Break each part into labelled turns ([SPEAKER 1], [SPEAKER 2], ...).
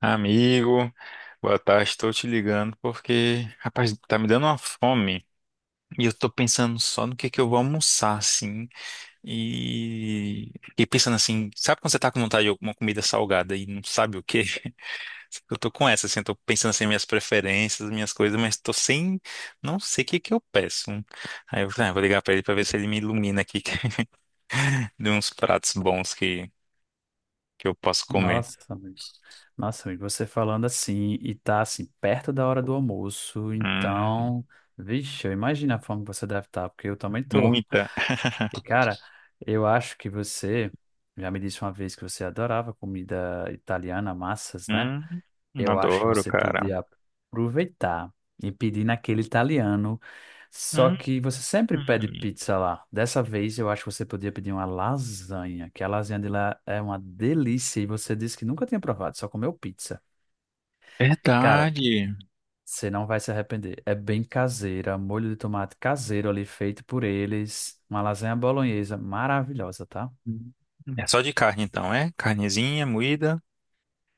[SPEAKER 1] Amigo, boa tarde. Estou te ligando porque, rapaz, tá me dando uma fome e eu tô pensando só no que eu vou almoçar, assim. E, e pensando assim, sabe quando você tá com vontade de alguma comida salgada e não sabe o quê? Eu tô com essa, assim, eu tô pensando assim, minhas preferências, minhas coisas, mas tô sem, não sei o que eu peço. Aí eu falei, ah, vou ligar pra ele pra ver se ele me ilumina aqui de uns pratos que eu posso comer.
[SPEAKER 2] Nossa, amigo. Nossa, amigo, você falando assim e tá assim perto da hora do almoço,
[SPEAKER 1] Hum,
[SPEAKER 2] então, vixe, eu imagino a fome que você deve estar, porque eu também tô.
[SPEAKER 1] Muita.
[SPEAKER 2] E cara, eu acho que você já me disse uma vez que você adorava comida italiana, massas, né?
[SPEAKER 1] Hum,
[SPEAKER 2] Eu acho que
[SPEAKER 1] Adoro,
[SPEAKER 2] você
[SPEAKER 1] cara.
[SPEAKER 2] podia aproveitar e pedir naquele italiano. Só
[SPEAKER 1] Hum,
[SPEAKER 2] que você sempre pede pizza lá. Dessa vez eu acho que você podia pedir uma lasanha, que a lasanha de lá é uma delícia e você disse que nunca tinha provado, só comeu pizza. Cara,
[SPEAKER 1] Verdade.
[SPEAKER 2] você não vai se arrepender. É bem caseira, molho de tomate caseiro ali feito por eles. Uma lasanha bolonhesa maravilhosa, tá?
[SPEAKER 1] Hum, É só de carne, então, é? Carnezinha, moída.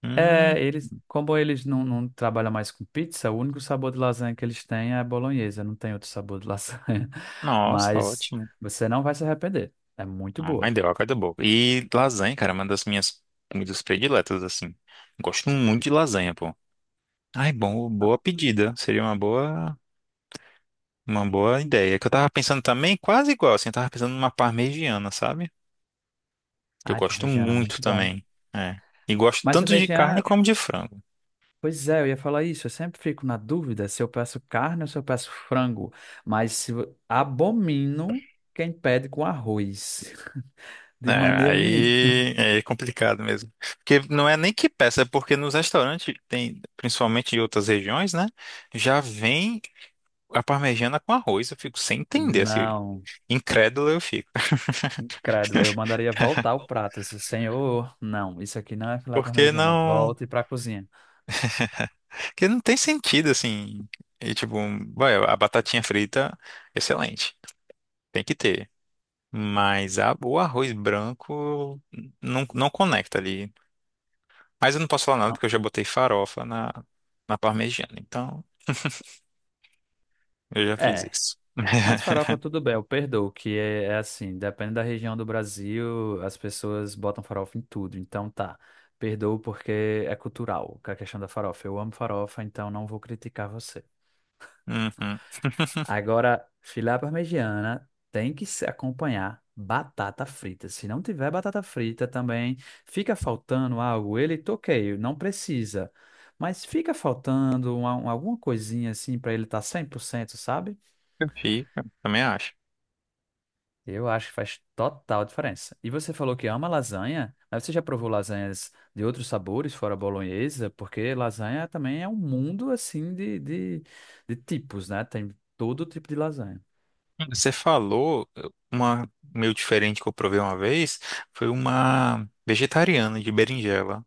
[SPEAKER 1] Hum,
[SPEAKER 2] É, eles, como eles não trabalham mais com pizza, o único sabor de lasanha que eles têm é bolonhesa, não tem outro sabor de lasanha.
[SPEAKER 1] Nossa,
[SPEAKER 2] Mas
[SPEAKER 1] ótimo.
[SPEAKER 2] você não vai se arrepender. É muito
[SPEAKER 1] Ai,
[SPEAKER 2] boa.
[SPEAKER 1] deu água da boca. E lasanha, cara, é uma das minhas comidas prediletas, assim. Gosto muito de lasanha, pô. Ai, bom,
[SPEAKER 2] Não.
[SPEAKER 1] boa pedida. Seria uma uma boa ideia. Que eu tava pensando também, quase igual, assim, eu tava pensando numa parmegiana, sabe? Que eu
[SPEAKER 2] Ai,
[SPEAKER 1] gosto
[SPEAKER 2] parmegiana, é
[SPEAKER 1] muito
[SPEAKER 2] muito bom.
[SPEAKER 1] também. É. E gosto
[SPEAKER 2] Mas
[SPEAKER 1] tanto de carne
[SPEAKER 2] parmegiana,
[SPEAKER 1] como de frango.
[SPEAKER 2] pois é, eu ia falar isso. Eu sempre fico na dúvida se eu peço carne ou se eu peço frango. Mas se, vo- abomino quem pede com arroz.
[SPEAKER 1] É,
[SPEAKER 2] De maneira nenhuma.
[SPEAKER 1] aí é complicado mesmo. Porque não é nem que peça, é porque nos restaurantes tem, principalmente em outras regiões, né? Já vem a parmegiana com arroz. Eu fico sem entender, assim.
[SPEAKER 2] Não.
[SPEAKER 1] Incrédulo eu fico.
[SPEAKER 2] Credo, eu mandaria voltar o prato. Assim, Senhor, não, isso aqui não é filé
[SPEAKER 1] Porque
[SPEAKER 2] parmegiana.
[SPEAKER 1] não.
[SPEAKER 2] Volte para a cozinha.
[SPEAKER 1] Porque não tem sentido, assim. E tipo, vai, a batatinha frita, excelente. Tem que ter. Mas o arroz branco não conecta ali. Mas eu não posso falar nada
[SPEAKER 2] Não.
[SPEAKER 1] porque eu já botei farofa na, na parmegiana. Então. Eu já fiz
[SPEAKER 2] É,
[SPEAKER 1] isso.
[SPEAKER 2] mas farofa tudo bem, eu perdoo, que é assim, depende da região do Brasil, as pessoas botam farofa em tudo. Então tá, perdoo porque é cultural, que é a questão da farofa. Eu amo farofa, então não vou criticar você.
[SPEAKER 1] Uhum.
[SPEAKER 2] Agora, filé à parmegiana tem que se acompanhar batata frita. Se não tiver batata frita também, fica faltando algo. Ele toqueio, não precisa. Mas fica faltando alguma coisinha assim para ele estar tá 100%, sabe?
[SPEAKER 1] Fica, também acho.
[SPEAKER 2] Eu acho que faz total diferença. E você falou que ama lasanha, mas você já provou lasanhas de outros sabores, fora a bolonhesa? Porque lasanha também é um mundo assim de tipos, né? Tem todo tipo de lasanha.
[SPEAKER 1] Você falou uma meio diferente que eu provei uma vez, foi uma vegetariana de berinjela.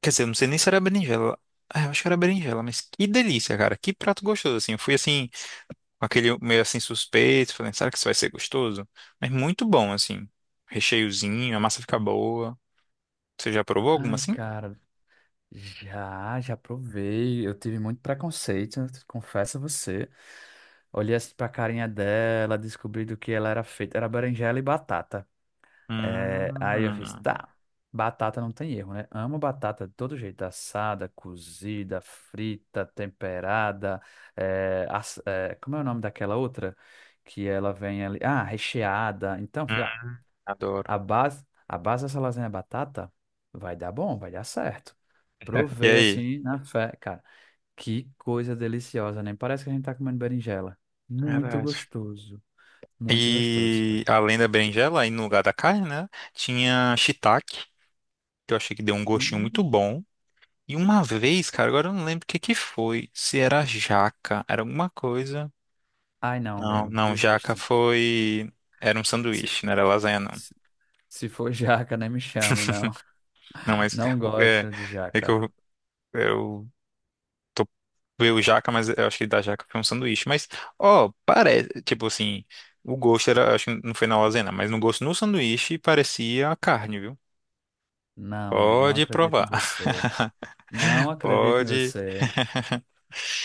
[SPEAKER 1] Quer dizer, eu não sei nem se era berinjela. Ah, eu acho que era berinjela, mas que delícia, cara. Que prato gostoso, assim. Eu fui assim, com aquele meio assim suspeito, falando, será que isso vai ser gostoso? Mas muito bom, assim. Recheiozinho, a massa fica boa. Você já provou alguma
[SPEAKER 2] Ai,
[SPEAKER 1] assim?
[SPEAKER 2] cara. Já provei. Eu tive muito preconceito, né? Confesso a você. Olhei assim pra carinha dela, descobri do que ela era feita. Era berinjela e batata. É, aí eu fiz,
[SPEAKER 1] Hum,
[SPEAKER 2] tá, batata não tem erro, né? Amo batata de todo jeito, assada, cozida, frita, temperada. Como é o nome daquela outra? Que ela vem ali. Ah, recheada. Então,
[SPEAKER 1] hum,
[SPEAKER 2] a
[SPEAKER 1] adoro.
[SPEAKER 2] base, a base dessa lasanha é batata, vai dar bom, vai dar certo.
[SPEAKER 1] E
[SPEAKER 2] Provei
[SPEAKER 1] aí?
[SPEAKER 2] assim na fé, cara. Que coisa deliciosa, nem parece que a gente tá comendo berinjela. Muito
[SPEAKER 1] Verdade.
[SPEAKER 2] gostoso, muito gostoso, cara.
[SPEAKER 1] E além da berinjela, aí no lugar da carne, né? Tinha shiitake, que eu achei que deu um gostinho muito
[SPEAKER 2] Hum.
[SPEAKER 1] bom. E uma vez, cara, agora eu não lembro o que foi. Se era jaca, era alguma coisa.
[SPEAKER 2] Ai, não,
[SPEAKER 1] Não,
[SPEAKER 2] amigo,
[SPEAKER 1] não, jaca
[SPEAKER 2] desisto.
[SPEAKER 1] foi. Era um
[SPEAKER 2] Se,
[SPEAKER 1] sanduíche, não era lasanha, não.
[SPEAKER 2] se, se for jaca, nem me chame, não.
[SPEAKER 1] Não, mas
[SPEAKER 2] Não
[SPEAKER 1] é,
[SPEAKER 2] gosto de
[SPEAKER 1] é que
[SPEAKER 2] jaca.
[SPEAKER 1] eu tô veio jaca, mas eu acho que da jaca foi um sanduíche. Mas, ó, parece, tipo assim, o gosto era, acho que não foi na lasanha, não, mas no gosto no sanduíche parecia a carne, viu?
[SPEAKER 2] Não, amigo, não
[SPEAKER 1] Pode
[SPEAKER 2] acredito em
[SPEAKER 1] provar.
[SPEAKER 2] você. Não acredito em
[SPEAKER 1] Pode.
[SPEAKER 2] você.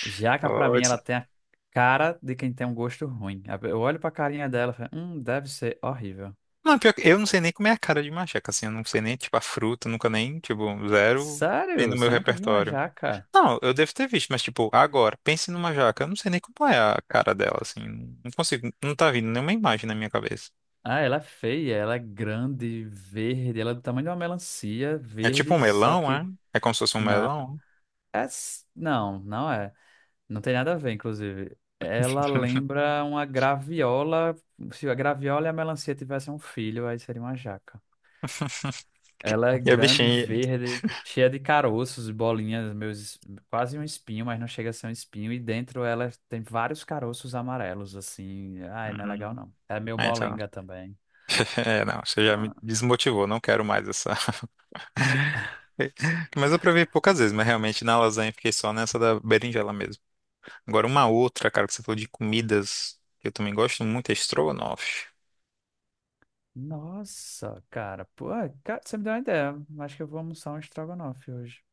[SPEAKER 2] Jaca, pra mim,
[SPEAKER 1] Pode.
[SPEAKER 2] ela tem a cara de quem tem um gosto ruim. Eu olho pra carinha dela e falo, deve ser horrível.
[SPEAKER 1] Não, pior que eu não sei nem como é a cara de macaca, assim, eu não sei nem, tipo, a fruta, nunca nem, tipo, zero tem
[SPEAKER 2] Sério?
[SPEAKER 1] no meu
[SPEAKER 2] Você nunca viu uma
[SPEAKER 1] repertório.
[SPEAKER 2] jaca?
[SPEAKER 1] Não, eu devo ter visto, mas, tipo, agora, pense numa jaca, eu não sei nem como é a cara dela, assim, não consigo, não tá vindo nenhuma imagem na minha cabeça.
[SPEAKER 2] Ah, ela é feia, ela é grande, verde, ela é do tamanho de uma melancia,
[SPEAKER 1] É tipo
[SPEAKER 2] verde,
[SPEAKER 1] um
[SPEAKER 2] só
[SPEAKER 1] melão,
[SPEAKER 2] que
[SPEAKER 1] é? É como se fosse um
[SPEAKER 2] na...
[SPEAKER 1] melão?
[SPEAKER 2] é s- Não, não é. Não tem nada a ver, inclusive. Ela lembra uma graviola. Se a graviola e a melancia tivessem um filho, aí seria uma jaca. Ela é
[SPEAKER 1] E a
[SPEAKER 2] grande,
[SPEAKER 1] bichinha...
[SPEAKER 2] verde, cheia de caroços e bolinhas, quase um espinho, mas não chega a ser um espinho. E dentro ela tem vários caroços amarelos, assim. Ai, não é legal
[SPEAKER 1] Hum,
[SPEAKER 2] não. É meio
[SPEAKER 1] é, então,
[SPEAKER 2] molenga também.
[SPEAKER 1] é, não, você já me
[SPEAKER 2] Não.
[SPEAKER 1] desmotivou, não quero mais essa. Mas eu provei poucas vezes, mas realmente na lasanha eu fiquei só nessa da berinjela mesmo. Agora uma outra, cara, que você falou de comidas, que eu também gosto muito, é estrogonofe.
[SPEAKER 2] Nossa, cara, pô, é, cara, você me deu uma ideia. Acho que eu vou almoçar um estrogonofe hoje.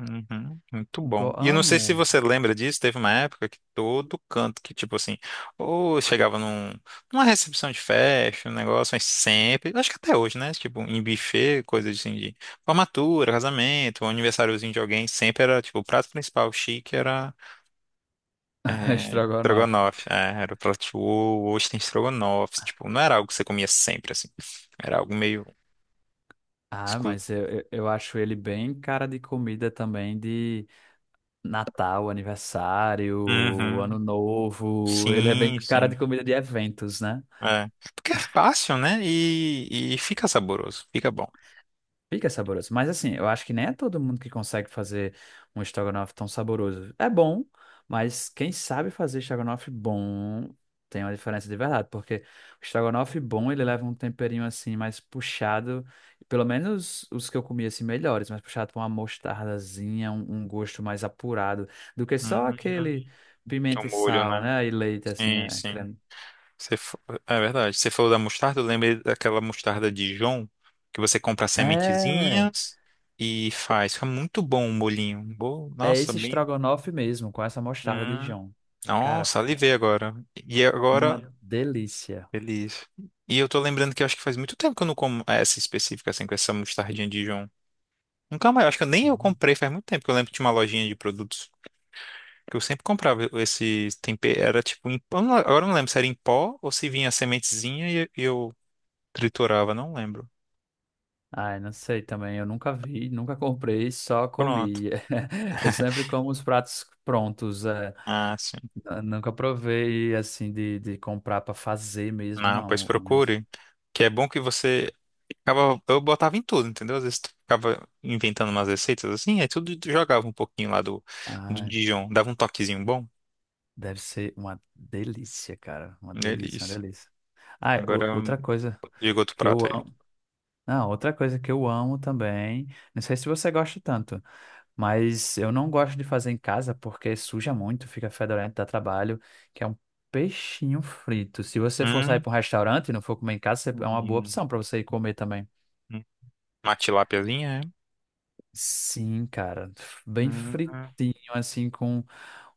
[SPEAKER 1] Uhum, muito
[SPEAKER 2] Go
[SPEAKER 1] bom. E eu não sei
[SPEAKER 2] amo
[SPEAKER 1] se você lembra disso, teve uma época que todo canto que, tipo assim, ou chegava num, numa recepção de festa, um negócio, mas sempre, acho que até hoje, né? Tipo, em buffet, coisa assim de formatura, casamento, um aniversáriozinho de alguém, sempre era, tipo, o prato principal chique era é,
[SPEAKER 2] estrogonofe.
[SPEAKER 1] estrogonofe, é, era o prato ou ostra estrogonofe, tipo, não era algo que você comia sempre, assim, era algo meio
[SPEAKER 2] Ah,
[SPEAKER 1] exclusivo.
[SPEAKER 2] mas eu acho ele bem cara de comida também, Natal, aniversário, Ano
[SPEAKER 1] Uhum.
[SPEAKER 2] Novo. Ele é bem
[SPEAKER 1] Sim,
[SPEAKER 2] cara
[SPEAKER 1] sim,
[SPEAKER 2] de comida de eventos, né?
[SPEAKER 1] é. Porque é fácil, né, e fica saboroso, fica bom.
[SPEAKER 2] Fica saboroso. Mas assim, eu acho que nem é todo mundo que consegue fazer um estrogonofe tão saboroso. É bom, mas quem sabe fazer estrogonofe bom tem uma diferença de verdade, porque o estrogonofe bom, ele leva um temperinho assim mais puxado, pelo menos os que eu comi assim melhores, mais puxado com uma mostardazinha, um gosto mais apurado do que só
[SPEAKER 1] Uhum.
[SPEAKER 2] aquele
[SPEAKER 1] O
[SPEAKER 2] pimenta e
[SPEAKER 1] molho,
[SPEAKER 2] sal,
[SPEAKER 1] né,
[SPEAKER 2] né? E leite, assim,
[SPEAKER 1] sim, sim, você, é verdade, você falou da mostarda, eu lembrei daquela mostarda Dijon, que você compra as
[SPEAKER 2] É,
[SPEAKER 1] sementezinhas e faz, fica muito bom o molhinho,
[SPEAKER 2] é
[SPEAKER 1] nossa,
[SPEAKER 2] esse
[SPEAKER 1] bem...
[SPEAKER 2] estrogonofe mesmo, com essa mostarda de Dijon. Cara,
[SPEAKER 1] Nossa,
[SPEAKER 2] ficou
[SPEAKER 1] alivei agora. E agora,
[SPEAKER 2] uma delícia.
[SPEAKER 1] feliz. E eu tô lembrando que eu acho que faz muito tempo que eu não como essa específica, assim, com essa mostardinha de Dijon. Nunca mais, eu acho que eu nem eu
[SPEAKER 2] Sim.
[SPEAKER 1] comprei faz muito tempo, que eu lembro que tinha uma lojinha de produtos que eu sempre comprava esse tempero, era tipo em eu agora eu não lembro se era em pó ou se vinha a sementezinha e eu triturava, não lembro.
[SPEAKER 2] Ai, não sei também, eu nunca vi, nunca comprei, só
[SPEAKER 1] Pronto.
[SPEAKER 2] comi. Eu sempre como os pratos prontos, é.
[SPEAKER 1] Ah, sim.
[SPEAKER 2] Eu nunca provei, assim, de comprar para fazer mesmo,
[SPEAKER 1] Não, pois
[SPEAKER 2] não. Mas,
[SPEAKER 1] procure. Que é bom que você ficava, eu botava em tudo, entendeu? Às vezes tu ficava inventando umas receitas assim, aí tudo tu jogava um pouquinho lá do, do
[SPEAKER 2] ai,
[SPEAKER 1] Dijon, dava um toquezinho bom
[SPEAKER 2] deve ser uma delícia, cara, uma delícia, uma
[SPEAKER 1] delícia.
[SPEAKER 2] delícia. Ai,
[SPEAKER 1] Agora,
[SPEAKER 2] outra coisa
[SPEAKER 1] diga outro
[SPEAKER 2] que eu
[SPEAKER 1] prato aí.
[SPEAKER 2] amo, não, outra coisa que eu amo também, não sei se você gosta tanto. Mas eu não gosto de fazer em casa porque suja muito, fica fedorento, dá trabalho, que é um peixinho frito. Se você for sair
[SPEAKER 1] Hum,
[SPEAKER 2] para um restaurante e não for comer em casa, é uma boa
[SPEAKER 1] hum,
[SPEAKER 2] opção para você ir comer também.
[SPEAKER 1] hum. Uma tilápiazinha, é?
[SPEAKER 2] Sim, cara, bem
[SPEAKER 1] Hum, hum.
[SPEAKER 2] fritinho, assim, com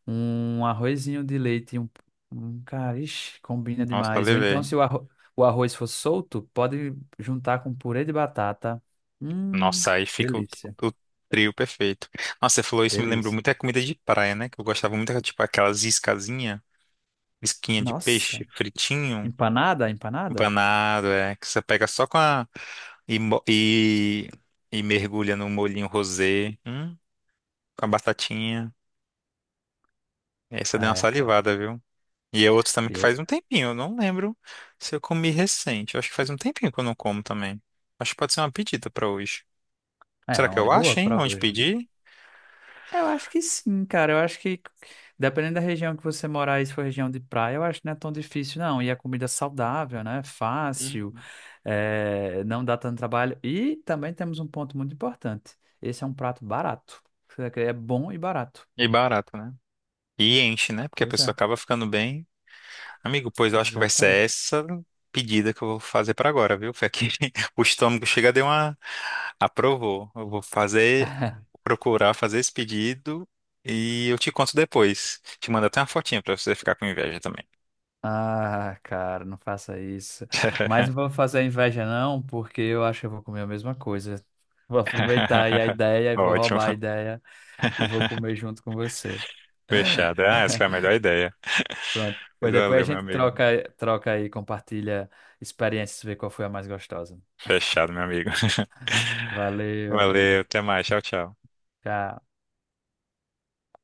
[SPEAKER 2] um arrozinho de leite, e um cara, ixi, combina
[SPEAKER 1] Nossa,
[SPEAKER 2] demais. Ou então,
[SPEAKER 1] levei.
[SPEAKER 2] se o arroz for solto, pode juntar com purê de batata. Hum,
[SPEAKER 1] Nossa, aí fica
[SPEAKER 2] delícia,
[SPEAKER 1] o trio perfeito. Nossa, você falou isso, me lembrou
[SPEAKER 2] delícia.
[SPEAKER 1] muito a comida de praia, né? Que eu gostava muito, era tipo aquelas iscazinha, isquinha de peixe,
[SPEAKER 2] Nossa,
[SPEAKER 1] fritinho.
[SPEAKER 2] empanada, empanada?
[SPEAKER 1] Empanado, é. Que você pega só com a. E, mo- e, e mergulha no molhinho rosé. Com a batatinha. Essa deu uma
[SPEAKER 2] É, cara.
[SPEAKER 1] salivada, viu? E é outro também que
[SPEAKER 2] Eu-
[SPEAKER 1] faz um tempinho. Eu não lembro se eu comi recente. Eu acho que faz um tempinho que eu não como também. Acho que pode ser uma pedida pra hoje.
[SPEAKER 2] É
[SPEAKER 1] Será que
[SPEAKER 2] uma
[SPEAKER 1] eu acho,
[SPEAKER 2] boa
[SPEAKER 1] hein?
[SPEAKER 2] pra
[SPEAKER 1] Onde
[SPEAKER 2] hoje.
[SPEAKER 1] pedir?
[SPEAKER 2] Eu acho que sim, cara. Eu acho que, dependendo da região que você morar, e se for região de praia, eu acho que não é tão difícil, não. E a comida é saudável, né? Fácil,
[SPEAKER 1] Hum.
[SPEAKER 2] é, não dá tanto trabalho. E também temos um ponto muito importante. Esse é um prato barato. É bom e barato.
[SPEAKER 1] E barato, né? E enche, né? Porque a
[SPEAKER 2] Pois é,
[SPEAKER 1] pessoa acaba ficando bem. Amigo, pois eu acho que vai
[SPEAKER 2] exatamente.
[SPEAKER 1] ser essa pedida que eu vou fazer para agora, viu? Foi aqui. O estômago chega, deu uma. Aprovou. Eu vou fazer, procurar fazer esse pedido e eu te conto depois. Te mando até uma fotinha para você ficar com inveja também.
[SPEAKER 2] Ah, cara, não faça isso. Mas não vou fazer inveja, não, porque eu acho que eu vou comer a mesma coisa. Vou aproveitar aí a ideia e vou
[SPEAKER 1] Ótimo.
[SPEAKER 2] roubar a
[SPEAKER 1] Fechou.
[SPEAKER 2] ideia. E vou comer junto com você.
[SPEAKER 1] Fechado. Ah, essa foi a melhor ideia.
[SPEAKER 2] Pronto. Pois depois a
[SPEAKER 1] Valeu, meu
[SPEAKER 2] gente
[SPEAKER 1] amigo.
[SPEAKER 2] troca, troca aí, compartilha experiências, vê qual foi a mais gostosa.
[SPEAKER 1] Fechado, meu amigo.
[SPEAKER 2] Valeu, amigo.
[SPEAKER 1] Valeu, até mais. Tchau, tchau.
[SPEAKER 2] Tchau.